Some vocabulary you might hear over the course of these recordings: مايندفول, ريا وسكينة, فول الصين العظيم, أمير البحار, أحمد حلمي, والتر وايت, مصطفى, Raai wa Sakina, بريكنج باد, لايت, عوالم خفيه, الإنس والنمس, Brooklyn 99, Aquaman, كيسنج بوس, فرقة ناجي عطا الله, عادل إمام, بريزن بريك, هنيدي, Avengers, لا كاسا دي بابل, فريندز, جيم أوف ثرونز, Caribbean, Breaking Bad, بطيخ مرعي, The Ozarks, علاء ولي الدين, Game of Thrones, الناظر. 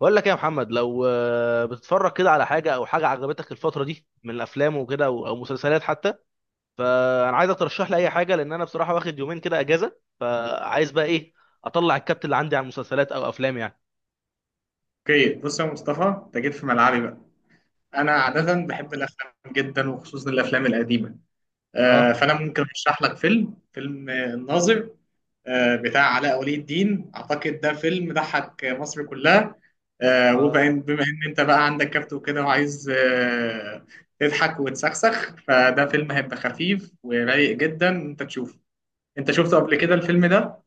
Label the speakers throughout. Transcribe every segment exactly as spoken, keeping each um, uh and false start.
Speaker 1: بقول لك ايه يا محمد، لو آه، بتتفرج كده على حاجه او حاجه عجبتك الفتره دي من الافلام وكده او أو مسلسلات حتى. فانا عايزك ترشح لي اي حاجه، لان انا بصراحه واخد يومين كده اجازه، فعايز بقى ايه اطلع الكبت اللي عندي على المسلسلات او افلام يعني.
Speaker 2: اوكي، بص يا مصطفى، انت جيت في ملعبي بقى. انا
Speaker 1: حلو.
Speaker 2: عاده بحب الافلام جدا وخصوصا الافلام القديمه.
Speaker 1: اه.
Speaker 2: آه، فانا ممكن ارشح لك فيلم فيلم آه، الناظر. آه، بتاع علاء ولي الدين، اعتقد ده فيلم ضحك مصر كلها. آه، وبما
Speaker 1: اه.
Speaker 2: إن- بما ان انت بقى عندك كبت وكده وعايز آه، تضحك وتسخسخ، فده فيلم هيبقى خفيف ورايق جدا انت تشوفه. انت شفته قبل كده الفيلم ده؟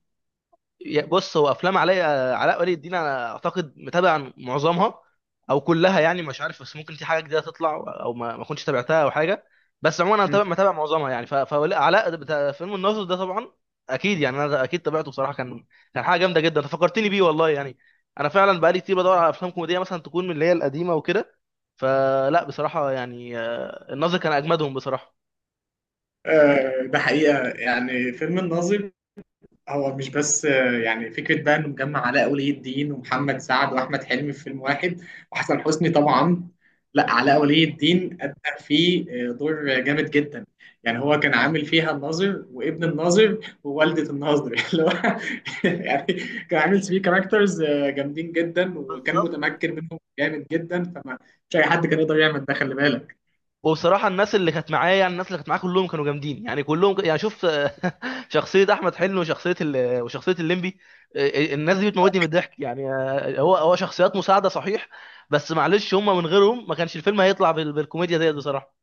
Speaker 1: يا- بص، هو افلام علاء، علاء ولي الدين انا اعتقد متابع معظمها او كلها يعني، مش عارف، بس ممكن في حاجه جديده تطلع او ما ما كنتش تابعتها او حاجه. بس عموما انا
Speaker 2: مم.
Speaker 1: متابع متابع معظمها يعني. ف- فعلاء بتاع فيلم الناظر ده طبعا اكيد يعني، انا اكيد تابعته بصراحه. كان كان حاجه جامده جدا، أنت فكرتني بيه والله يعني. انا فعلا بقالي كتير بدور على افلام كوميديه مثلا تكون من اللي هي القديمه وكده. فلا بصراحه يعني، آه، الناظر كان اجمدهم بصراحه.
Speaker 2: آه، ده حقيقة يعني فيلم الناظر، هو مش بس آه، يعني فكرة بقى إنه مجمع علاء ولي الدين ومحمد سعد وأحمد حلمي في فيلم واحد، وحسن حسني طبعا. لا، علاء
Speaker 1: مم.
Speaker 2: ولي الدين أدى فيه آه، دور جامد جدا. يعني هو كان عامل فيها الناظر وابن الناظر ووالدة الناظر اللي هو يعني كان عامل فيه كاركترز جامدين جدا وكان
Speaker 1: بالظبط.
Speaker 2: متمكن منهم جامد جدا. فما مش أي حد كان يقدر يعمل ده، خلي بالك.
Speaker 1: وبصراحه الناس اللي كانت معايا، يعني الناس اللي كانت معايا كلهم كانوا جامدين يعني، كلهم يعني. شوف، شخصيه احمد حلمي وشخصيه ال... وشخصيه الليمبي، آه، آه، الناس دي بتموتني من الضحك يعني. آه، هو هو شخصيات مساعده صحيح، بس معلش هم من غيرهم ما كانش الفيلم هيطلع بال... بالكوميديا ديت بصراحه.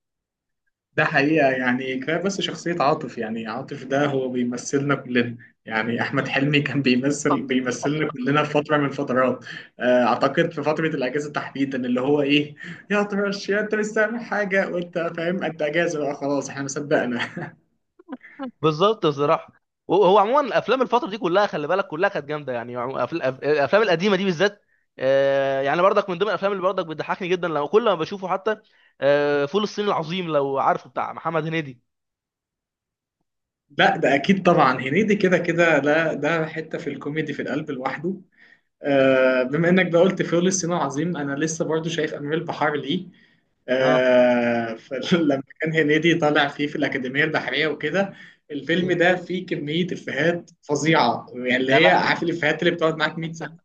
Speaker 2: ده حقيقة، يعني كفاية بس شخصية عاطف. يعني عاطف ده هو بيمثلنا كلنا. يعني أحمد حلمي كان بيمثل
Speaker 1: بالظبط.
Speaker 2: بيمثلنا كلنا في فترة من الفترات. آه، أعتقد في فترة الأجازة تحديدا، اللي هو إيه، يا طرش، يا أنت مش سامع حاجة، وأنت فاهم أنت أجازة بقى خلاص إحنا مصدقنا.
Speaker 1: بالظبط بصراحه. وهو عموما افلام الفتره دي كلها، خلي بالك كلها كانت جامده يعني. عمو- أف- الأف- الافلام القديمه دي بالذات. آه، يعني برضك من ضمن الافلام اللي برضك بتضحكني جدا لو كل ما بشوفه حتى، آه، فول الصين العظيم لو عارفه، بتاع محمد هنيدي.
Speaker 2: لا، ده أكيد طبعا هنيدي كده كده، لا ده حتة في الكوميدي في القلب لوحده. آه، بما انك بقى قلت فيول الصين العظيم، انا لسه برضو شايف امير البحار ليه.
Speaker 1: اه.
Speaker 2: آه، فلما كان هنيدي طالع فيه في الأكاديمية البحرية وكده، الفيلم
Speaker 1: مم.
Speaker 2: ده فيه كمية إفيهات فظيعة. يعني اللي
Speaker 1: يا
Speaker 2: هي
Speaker 1: لهوي
Speaker 2: عارف
Speaker 1: ده!
Speaker 2: الإفيهات اللي بتقعد معاك مية سنة.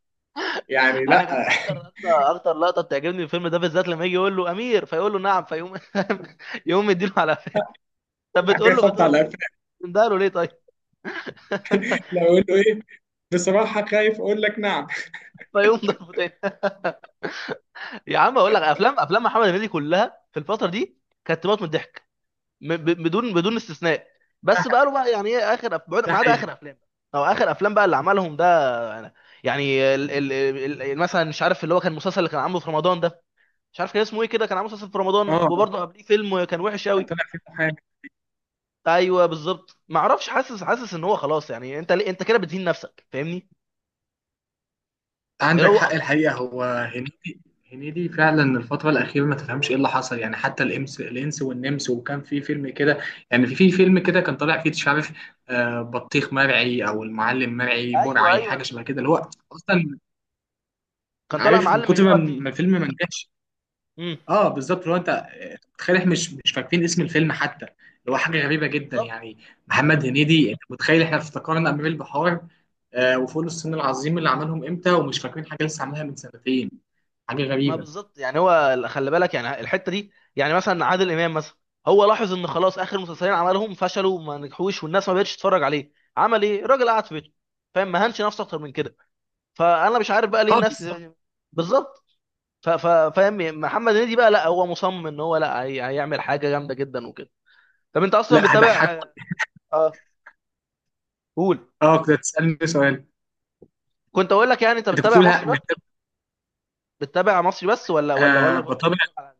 Speaker 2: يعني لا
Speaker 1: انا كانت اكتر اكتر اكتر لقطه بتعجبني في الفيلم ده بالذات، لما يجي يقول له امير فيقول له نعم فيقوم يقوم مديله على قفاه. طب بتقول
Speaker 2: حكاية
Speaker 1: له،
Speaker 2: خبط
Speaker 1: بتقول
Speaker 2: على قفاك.
Speaker 1: له ده له ليه طيب؟
Speaker 2: لو أقول له إيه؟ بصراحة خايف أقول لك نعم.
Speaker 1: فيقوم ضربه تاني. يا عم اقول لك، افلام، افلام محمد هنيدي كلها في الفتره دي كانت تموت من الضحك، م- ب- بدون بدون استثناء. بس بقى له بقى يعني ايه اخر أف- بعد-
Speaker 2: ده
Speaker 1: ما عدا
Speaker 2: حقيقي.
Speaker 1: اخر افلام او اخر افلام بقى اللي عملهم ده يعني. يعني ال- ال- ال- مثلا، مش عارف، اللي هو كان المسلسل اللي كان عامله في رمضان ده، مش عارف كان اسمه ايه كده، كان عامل مسلسل في رمضان
Speaker 2: آه
Speaker 1: وبرضه قبليه فيلم كان وحش
Speaker 2: كان
Speaker 1: قوي.
Speaker 2: طالع فيه.
Speaker 1: ايوه بالظبط. ما اعرفش، حاسس حاسس ان هو خلاص يعني، انت ليه انت كده بتهين نفسك؟ فاهمني؟ اللي
Speaker 2: عندك
Speaker 1: هو
Speaker 2: حق
Speaker 1: أب...
Speaker 2: الحقيقة، هو هنيدي، هنيدي فعلا الفترة الأخيرة ما تفهمش إيه اللي حصل، يعني حتى الإمس الإنس والنمس، وكان في فيلم كده. يعني في في فيلم كده كان طالع فيه مش عارف آه، بطيخ مرعي أو المعلم مرعي
Speaker 1: ايوه
Speaker 2: برعي،
Speaker 1: ايوه،
Speaker 2: حاجة شبه
Speaker 1: الفيلم
Speaker 2: كده، اللي هو أصلا
Speaker 1: كان طالع
Speaker 2: عارف من
Speaker 1: معلم
Speaker 2: كتر ما
Speaker 1: بيبيع
Speaker 2: ما
Speaker 1: بطيخ.
Speaker 2: الفيلم ما نجحش.
Speaker 1: امم.
Speaker 2: اه بالظبط. لو انت آه، متخيل، احنا مش مش فاكرين اسم الفيلم حتى، اللي هو حاجه غريبه جدا
Speaker 1: بالظبط.
Speaker 2: يعني. محمد هنيدي، انت متخيل احنا افتكرنا امير البحار آه وفول الصين العظيم اللي عملهم امتى، ومش فاكرين حاجه لسه عاملها من سنتين؟ حاجه
Speaker 1: ما
Speaker 2: غريبه.
Speaker 1: بالظبط يعني، هو خلي بالك يعني الحته دي، يعني مثلا عادل امام مثلا، هو لاحظ ان خلاص اخر مسلسلين عملهم فشلوا وما نجحوش والناس ما بقتش تتفرج عليه، عمل ايه الراجل؟ قعد في بيته، فاهم؟ ما هنش نفسه اكتر من كده. فانا مش عارف بقى ليه
Speaker 2: اه
Speaker 1: الناس.
Speaker 2: بالظبط.
Speaker 1: بالظبط. ف- ف- فاهم، محمد هنيدي بقى لا، هو مصمم ان هو لا، هي- هيعمل حاجه جامده جدا وكده. طب انت اصلا
Speaker 2: لا، هضحك.
Speaker 1: بتتابع؟ اه. قول.
Speaker 2: اه كنت هتسالني سؤال.
Speaker 1: كنت اقول لك يعني، انت
Speaker 2: انت كنت
Speaker 1: بتتابع
Speaker 2: بتقول ها-
Speaker 1: مصري بس،
Speaker 2: بت-
Speaker 1: بتتابع مصري بس ولا ولا
Speaker 2: آه
Speaker 1: ولا
Speaker 2: بتابع.
Speaker 1: بتتفرج على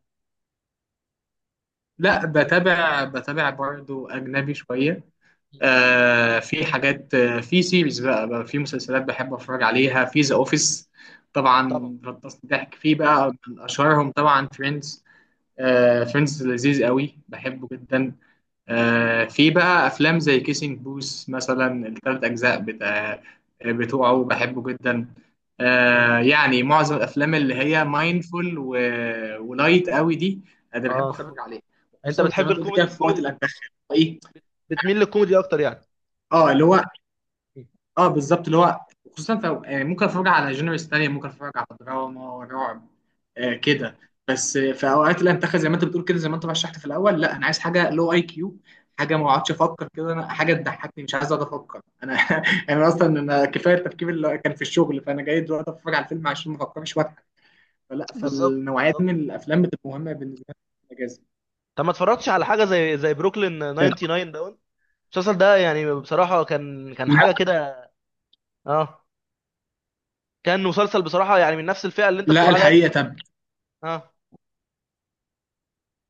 Speaker 2: لا، بتابع بتابع برضه اجنبي شويه.
Speaker 1: أجنبي؟
Speaker 2: آه في حاجات، آه في سيريز بقى, بقى في مسلسلات بحب اتفرج عليها. في ذا اوفيس
Speaker 1: طبعا.
Speaker 2: طبعا غطسني ضحك فيه بقى، من اشهرهم طبعا فريندز. آه
Speaker 1: اه.
Speaker 2: فريندز لذيذ قوي، بحبه جدا. آه في بقى افلام زي كيسنج بوس مثلا، الثلاث اجزاء بتاع آه، بتوعه، بحبه جدا.
Speaker 1: اه.
Speaker 2: آه يعني معظم الافلام اللي هي مايندفول، و... ولايت قوي دي، انا بحب
Speaker 1: اه. انت بت-
Speaker 2: اتفرج عليها.
Speaker 1: انت
Speaker 2: خصوصا زي
Speaker 1: بتحب
Speaker 2: ما انت قلت
Speaker 1: الكوميدي،
Speaker 2: كده في وقت
Speaker 1: الكوميدي،
Speaker 2: الانتخاب، ايه،
Speaker 1: بتميل للكوميدي اكتر يعني.
Speaker 2: اه اللي هو، اه بالظبط اللي هو، خصوصا في آه، ممكن اتفرج على جينرز تانية، ممكن اتفرج على دراما رعب آه
Speaker 1: آه.
Speaker 2: كده، بس آه، في اوقات الانتخاب، زي ما انت بتقول كده، زي ما انت رشحت في الاول، لا، انا عايز حاجه لو اي كيو، حاجه ما اقعدش افكر كده، انا حاجه تضحكني. مش عايز اقعد افكر انا انا اصلا انا كفايه التفكير اللي كان في الشغل، فانا جاي دلوقتي اتفرج على الفيلم عشان ما افكرش واضحك. فلا،
Speaker 1: بالظبط.
Speaker 2: فالنوعيه دي
Speaker 1: بالظبط.
Speaker 2: من الافلام بتبقى مهمه بالنسبه لي في الاجازه.
Speaker 1: طب ما اتفرجتش على حاجه زي زي بروكلين
Speaker 2: طب،
Speaker 1: تسعه وتسعين ده؟ المسلسل ده يعني بصراحه كان، كان
Speaker 2: لا
Speaker 1: حاجه كده. اه. كان مسلسل بصراحه يعني من نفس الفئه اللي انت
Speaker 2: لا
Speaker 1: بتقول عليها
Speaker 2: الحقيقه.
Speaker 1: دي.
Speaker 2: طب
Speaker 1: اه،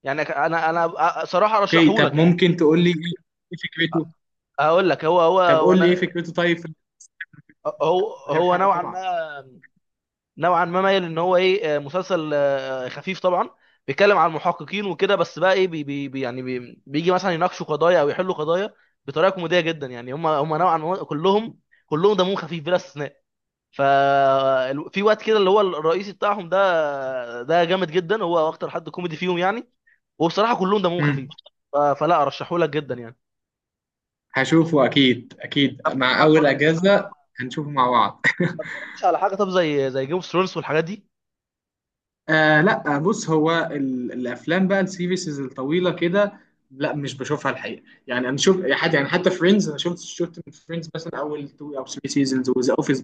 Speaker 1: يعني انا، انا صراحه
Speaker 2: اوكي،
Speaker 1: ارشحه
Speaker 2: طب
Speaker 1: لك يعني انت.
Speaker 2: ممكن تقول لي ايه، إيه فكرته؟
Speaker 1: هقول لك، هو
Speaker 2: طب
Speaker 1: هو
Speaker 2: قول لي ايه
Speaker 1: وانا،
Speaker 2: فكرته، طيب في-
Speaker 1: هو
Speaker 2: من غير
Speaker 1: هو
Speaker 2: حرق
Speaker 1: نوعا
Speaker 2: طبعا.
Speaker 1: ما، نوعا ما مايل ان هو ايه، آه، مسلسل آه، خفيف طبعا. بيتكلم عن محققين وكده، بس بقى ايه، بي بي بي- يعني بي بيجي مثلا يناقشوا قضايا او يحلوا قضايا بطريقه كوميديه جدا يعني. هم هم نوعا ما كلهم، كلهم دمهم خفيف بلا استثناء. ف ال- في وقت كده اللي هو الرئيسي بتاعهم ده، ده جامد جدا، هو اكتر حد كوميدي فيهم يعني. وبصراحه كلهم دمهم
Speaker 2: مم.
Speaker 1: خفيف. ف- فلا ارشحه لك جدا يعني.
Speaker 2: هشوفه، اكيد اكيد،
Speaker 1: طب
Speaker 2: مع
Speaker 1: ما
Speaker 2: اول
Speaker 1: اتفرجتش
Speaker 2: اجازه.
Speaker 1: على،
Speaker 2: هنشوفه مع بعض
Speaker 1: ما اتفرجتش على حاجه طب زي زي جيم اوف ثرونز والحاجات دي؟
Speaker 2: آه لا، بص هو ال- الافلام بقى، السيريسز الطويله كده، لا، مش بشوفها الحقيقه. يعني انا شوف، يعني حتى يعني حتى فريندز، انا شفت شفت من فريندز مثلا اول تو او ثري سيزونز، وذا اوفيس.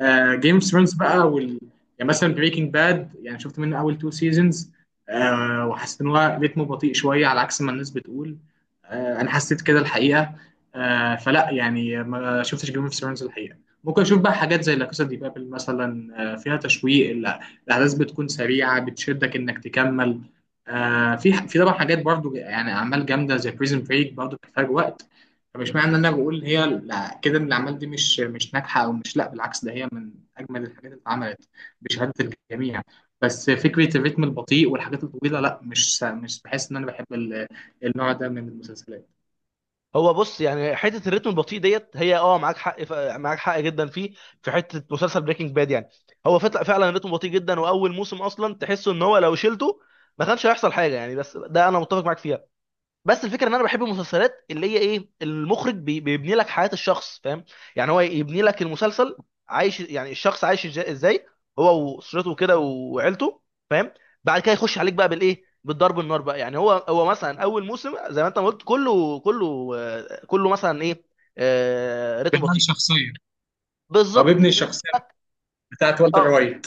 Speaker 1: مم.
Speaker 2: آه جيم اوف ثرونز بقى، وال... يعني مثلا بريكنج باد، يعني شفت منه اول تو سيزونز. آه، وحسيت ان هو ريتمه بطيء شويه على عكس ما الناس بتقول. آه انا حسيت كده الحقيقه. آه فلا، يعني ما شفتش جيم اوف ثرونز الحقيقه. ممكن اشوف بقى حاجات زي لا كاسا دي بابل مثلا، آه فيها تشويق، ال- الاحداث بتكون سريعه بتشدك انك تكمل. آه في
Speaker 1: هو،
Speaker 2: في طبعا حاجات برضو، يعني اعمال جامده زي بريزن بريك، برضو بتحتاج وقت. طب اشمعنى ان انا بقول هي لا- كده، ان الاعمال دي مش مش ناجحه، او مش، لا بالعكس، ده هي من اجمل الحاجات اللي اتعملت بشهاده الجميع. بس فكره الريتم البطيء والحاجات الطويله، لا مش مش بحس ان انا بحب ال- النوع ده من المسلسلات.
Speaker 1: هو بص يعني، حته الريتم البطيء ديت هي اه، معاك حق ف... معاك حق جدا فيه، في حته مسلسل بريكنج باد يعني. هو فت- فعلا الريتم بطيء جدا، واول موسم اصلا تحسه ان هو لو شلته ما كانش هيحصل حاجه يعني. بس ده انا متفق معاك فيها. بس الفكره ان انا بحب المسلسلات اللي هي ايه، المخرج بي- بيبني لك حياه الشخص، فاهم؟ يعني هو يبني لك المسلسل عايش، يعني الشخص عايش إج- ازاي هو واسرته كده وعيلته، فاهم؟ بعد كده يخش عليك بقى بالايه، بالضرب النار بقى يعني. هو هو مثلا اول موسم زي ما انت ما قلت، كله، كله آه، كله مثلا ايه، آه، رتم
Speaker 2: بناء
Speaker 1: بطيء.
Speaker 2: شخصية، هو بيبني
Speaker 1: بالظبط، بيبني
Speaker 2: الشخصيه
Speaker 1: لك.
Speaker 2: بتاعت والتر
Speaker 1: اه.
Speaker 2: وايت.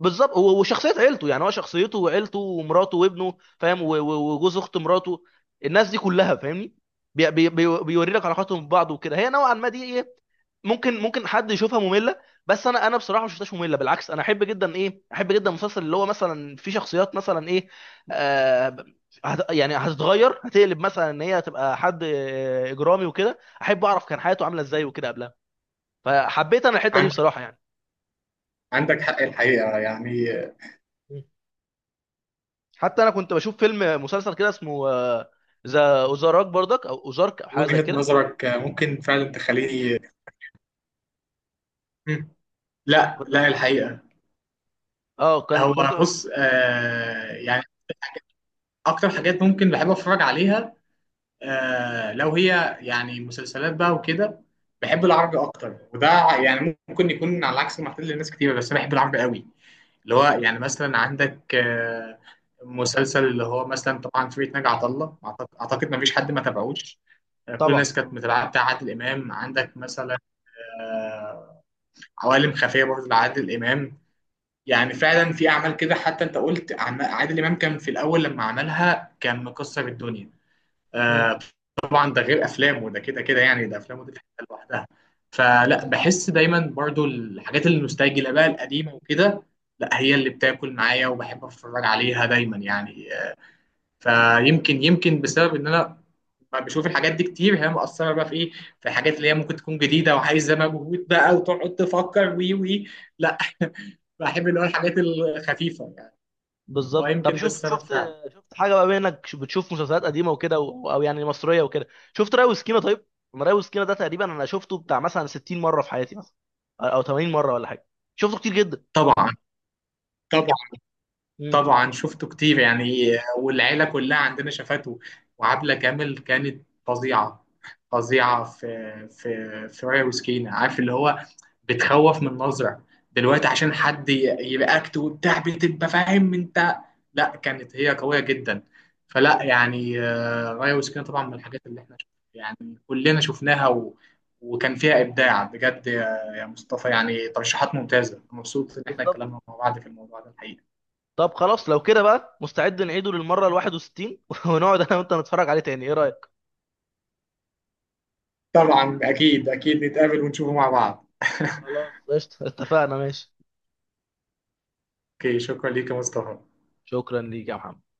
Speaker 1: بالظبط، هو وشخصيه عيلته يعني، هو شخصيته وعيلته ومراته وابنه، فاهم؟ و- و- وجوز اخت مراته، الناس دي كلها، فاهمني؟ بي بي بي بيوري لك علاقاتهم ببعض وكده. هي نوعا ما دي ايه، ممكن، ممكن حد يشوفها ممله، بس انا، انا بصراحه ما شفتهاش ممله، بالعكس، انا احب جدا ايه، احب جدا المسلسل اللي هو مثلا فيه شخصيات مثلا ايه، آه، هت- يعني هتتغير، هتقلب مثلا ان هي هتبقى حد آه، اجرامي وكده، احب اعرف كان حياته عامله ازاي وكده قبلها. فحبيت انا الحته دي
Speaker 2: عندك
Speaker 1: بصراحه يعني.
Speaker 2: عندك حق الحقيقه يعني.
Speaker 1: حتى انا كنت بشوف فيلم مسلسل كده اسمه آه، ذا اوزارك برضك او اوزارك او حاجه زي
Speaker 2: وجهه
Speaker 1: كده.
Speaker 2: نظرك ممكن فعلا تخليني. مم. لا
Speaker 1: كنت
Speaker 2: لا
Speaker 1: بش...
Speaker 2: الحقيقه.
Speaker 1: اه، كان،
Speaker 2: هو
Speaker 1: كنت.
Speaker 2: بص آه يعني اكتر حاجات ممكن بحب اتفرج عليها، آه لو هي يعني مسلسلات بقى وكده، بحب العربي اكتر. وده يعني ممكن يكون على عكس معتاد لناس كتير، بس انا بحب العربي قوي. اللي هو يعني مثلا عندك آه مسلسل اللي هو مثلا طبعا فرقة ناجي عطا الله، اعتقد أعتقد مفيش حد ما تابعوش. آه كل
Speaker 1: طبعا.
Speaker 2: الناس كانت متابعه، بتاع عادل امام، عندك مثلا آه، عوالم خفيه برضه لعادل امام. يعني فعلا في اعمال كده، حتى انت قلت أعما- عادل امام كان في الاول لما عملها كان مكسر الدنيا.
Speaker 1: مم.
Speaker 2: آه، طبعا ده غير افلامه، ده كده كده يعني، ده افلامه دي في حته لوحدها. فلا بحس دايما برضو الحاجات النوستالجيا اللي بقى القديمه وكده، لا هي اللي بتاكل معايا وبحب اتفرج عليها دايما يعني. فيمكن، يمكن بسبب ان انا ما بشوف الحاجات دي كتير، هي مأثره بقى في ايه، في الحاجات اللي هي ممكن تكون جديده وعايزه مجهود بقى وتقعد تفكر وي وي. لا، بحب اللي هو الحاجات الخفيفه يعني.
Speaker 1: بالظبط. طب
Speaker 2: فيمكن ده
Speaker 1: شفت،
Speaker 2: السبب
Speaker 1: شفت،
Speaker 2: فعلا.
Speaker 1: شفت حاجه بقى بما انك ش- بتشوف مسلسلات قديمه وكده و- او يعني مصريه وكده، شفت راي وسكينه طيب؟ أنا راي وسكينه ده تقريبا انا شفته بتاع مثلا ستين مره في حياتي مثلا، او تمانين مره ولا حاجه، شفته كتير جدا.
Speaker 2: طبعا. طبعا.
Speaker 1: مم.
Speaker 2: طبعا شفته كتير يعني، والعيلة كلها عندنا شافته، وعبلة كامل كانت فظيعة. فظيعة في في في ريا وسكينة. عارف اللي هو بتخوف من نظرة دلوقتي عشان
Speaker 1: بالظبط.
Speaker 2: حد ي- يرياكت وبتاع، بتبقى فاهم انت. لا، كانت هي قوية جدا. فلا
Speaker 1: طب
Speaker 2: يعني آه، ريا وسكينة طبعا من الحاجات اللي احنا شف- يعني كلنا شفناها و وكان فيها إبداع بجد، يا يا مصطفى. يعني ترشيحات ممتازة، مبسوط إن احنا
Speaker 1: بالظبط،
Speaker 2: اتكلمنا مع بعض في الموضوع ده الحقيقة.
Speaker 1: طب خلاص لو كده بقى مستعد نعيده للمره ال الحادية والستين ونقعد انا وانت نتفرج عليه تاني، ايه رايك؟
Speaker 2: طبعا، اكيد اكيد نتقابل ونشوفه مع بعض
Speaker 1: خلاص قشطة، اتفقنا، ماشي.
Speaker 2: اوكي، شكرا ليك يا مصطفى.
Speaker 1: شكرا ليك يا محمد.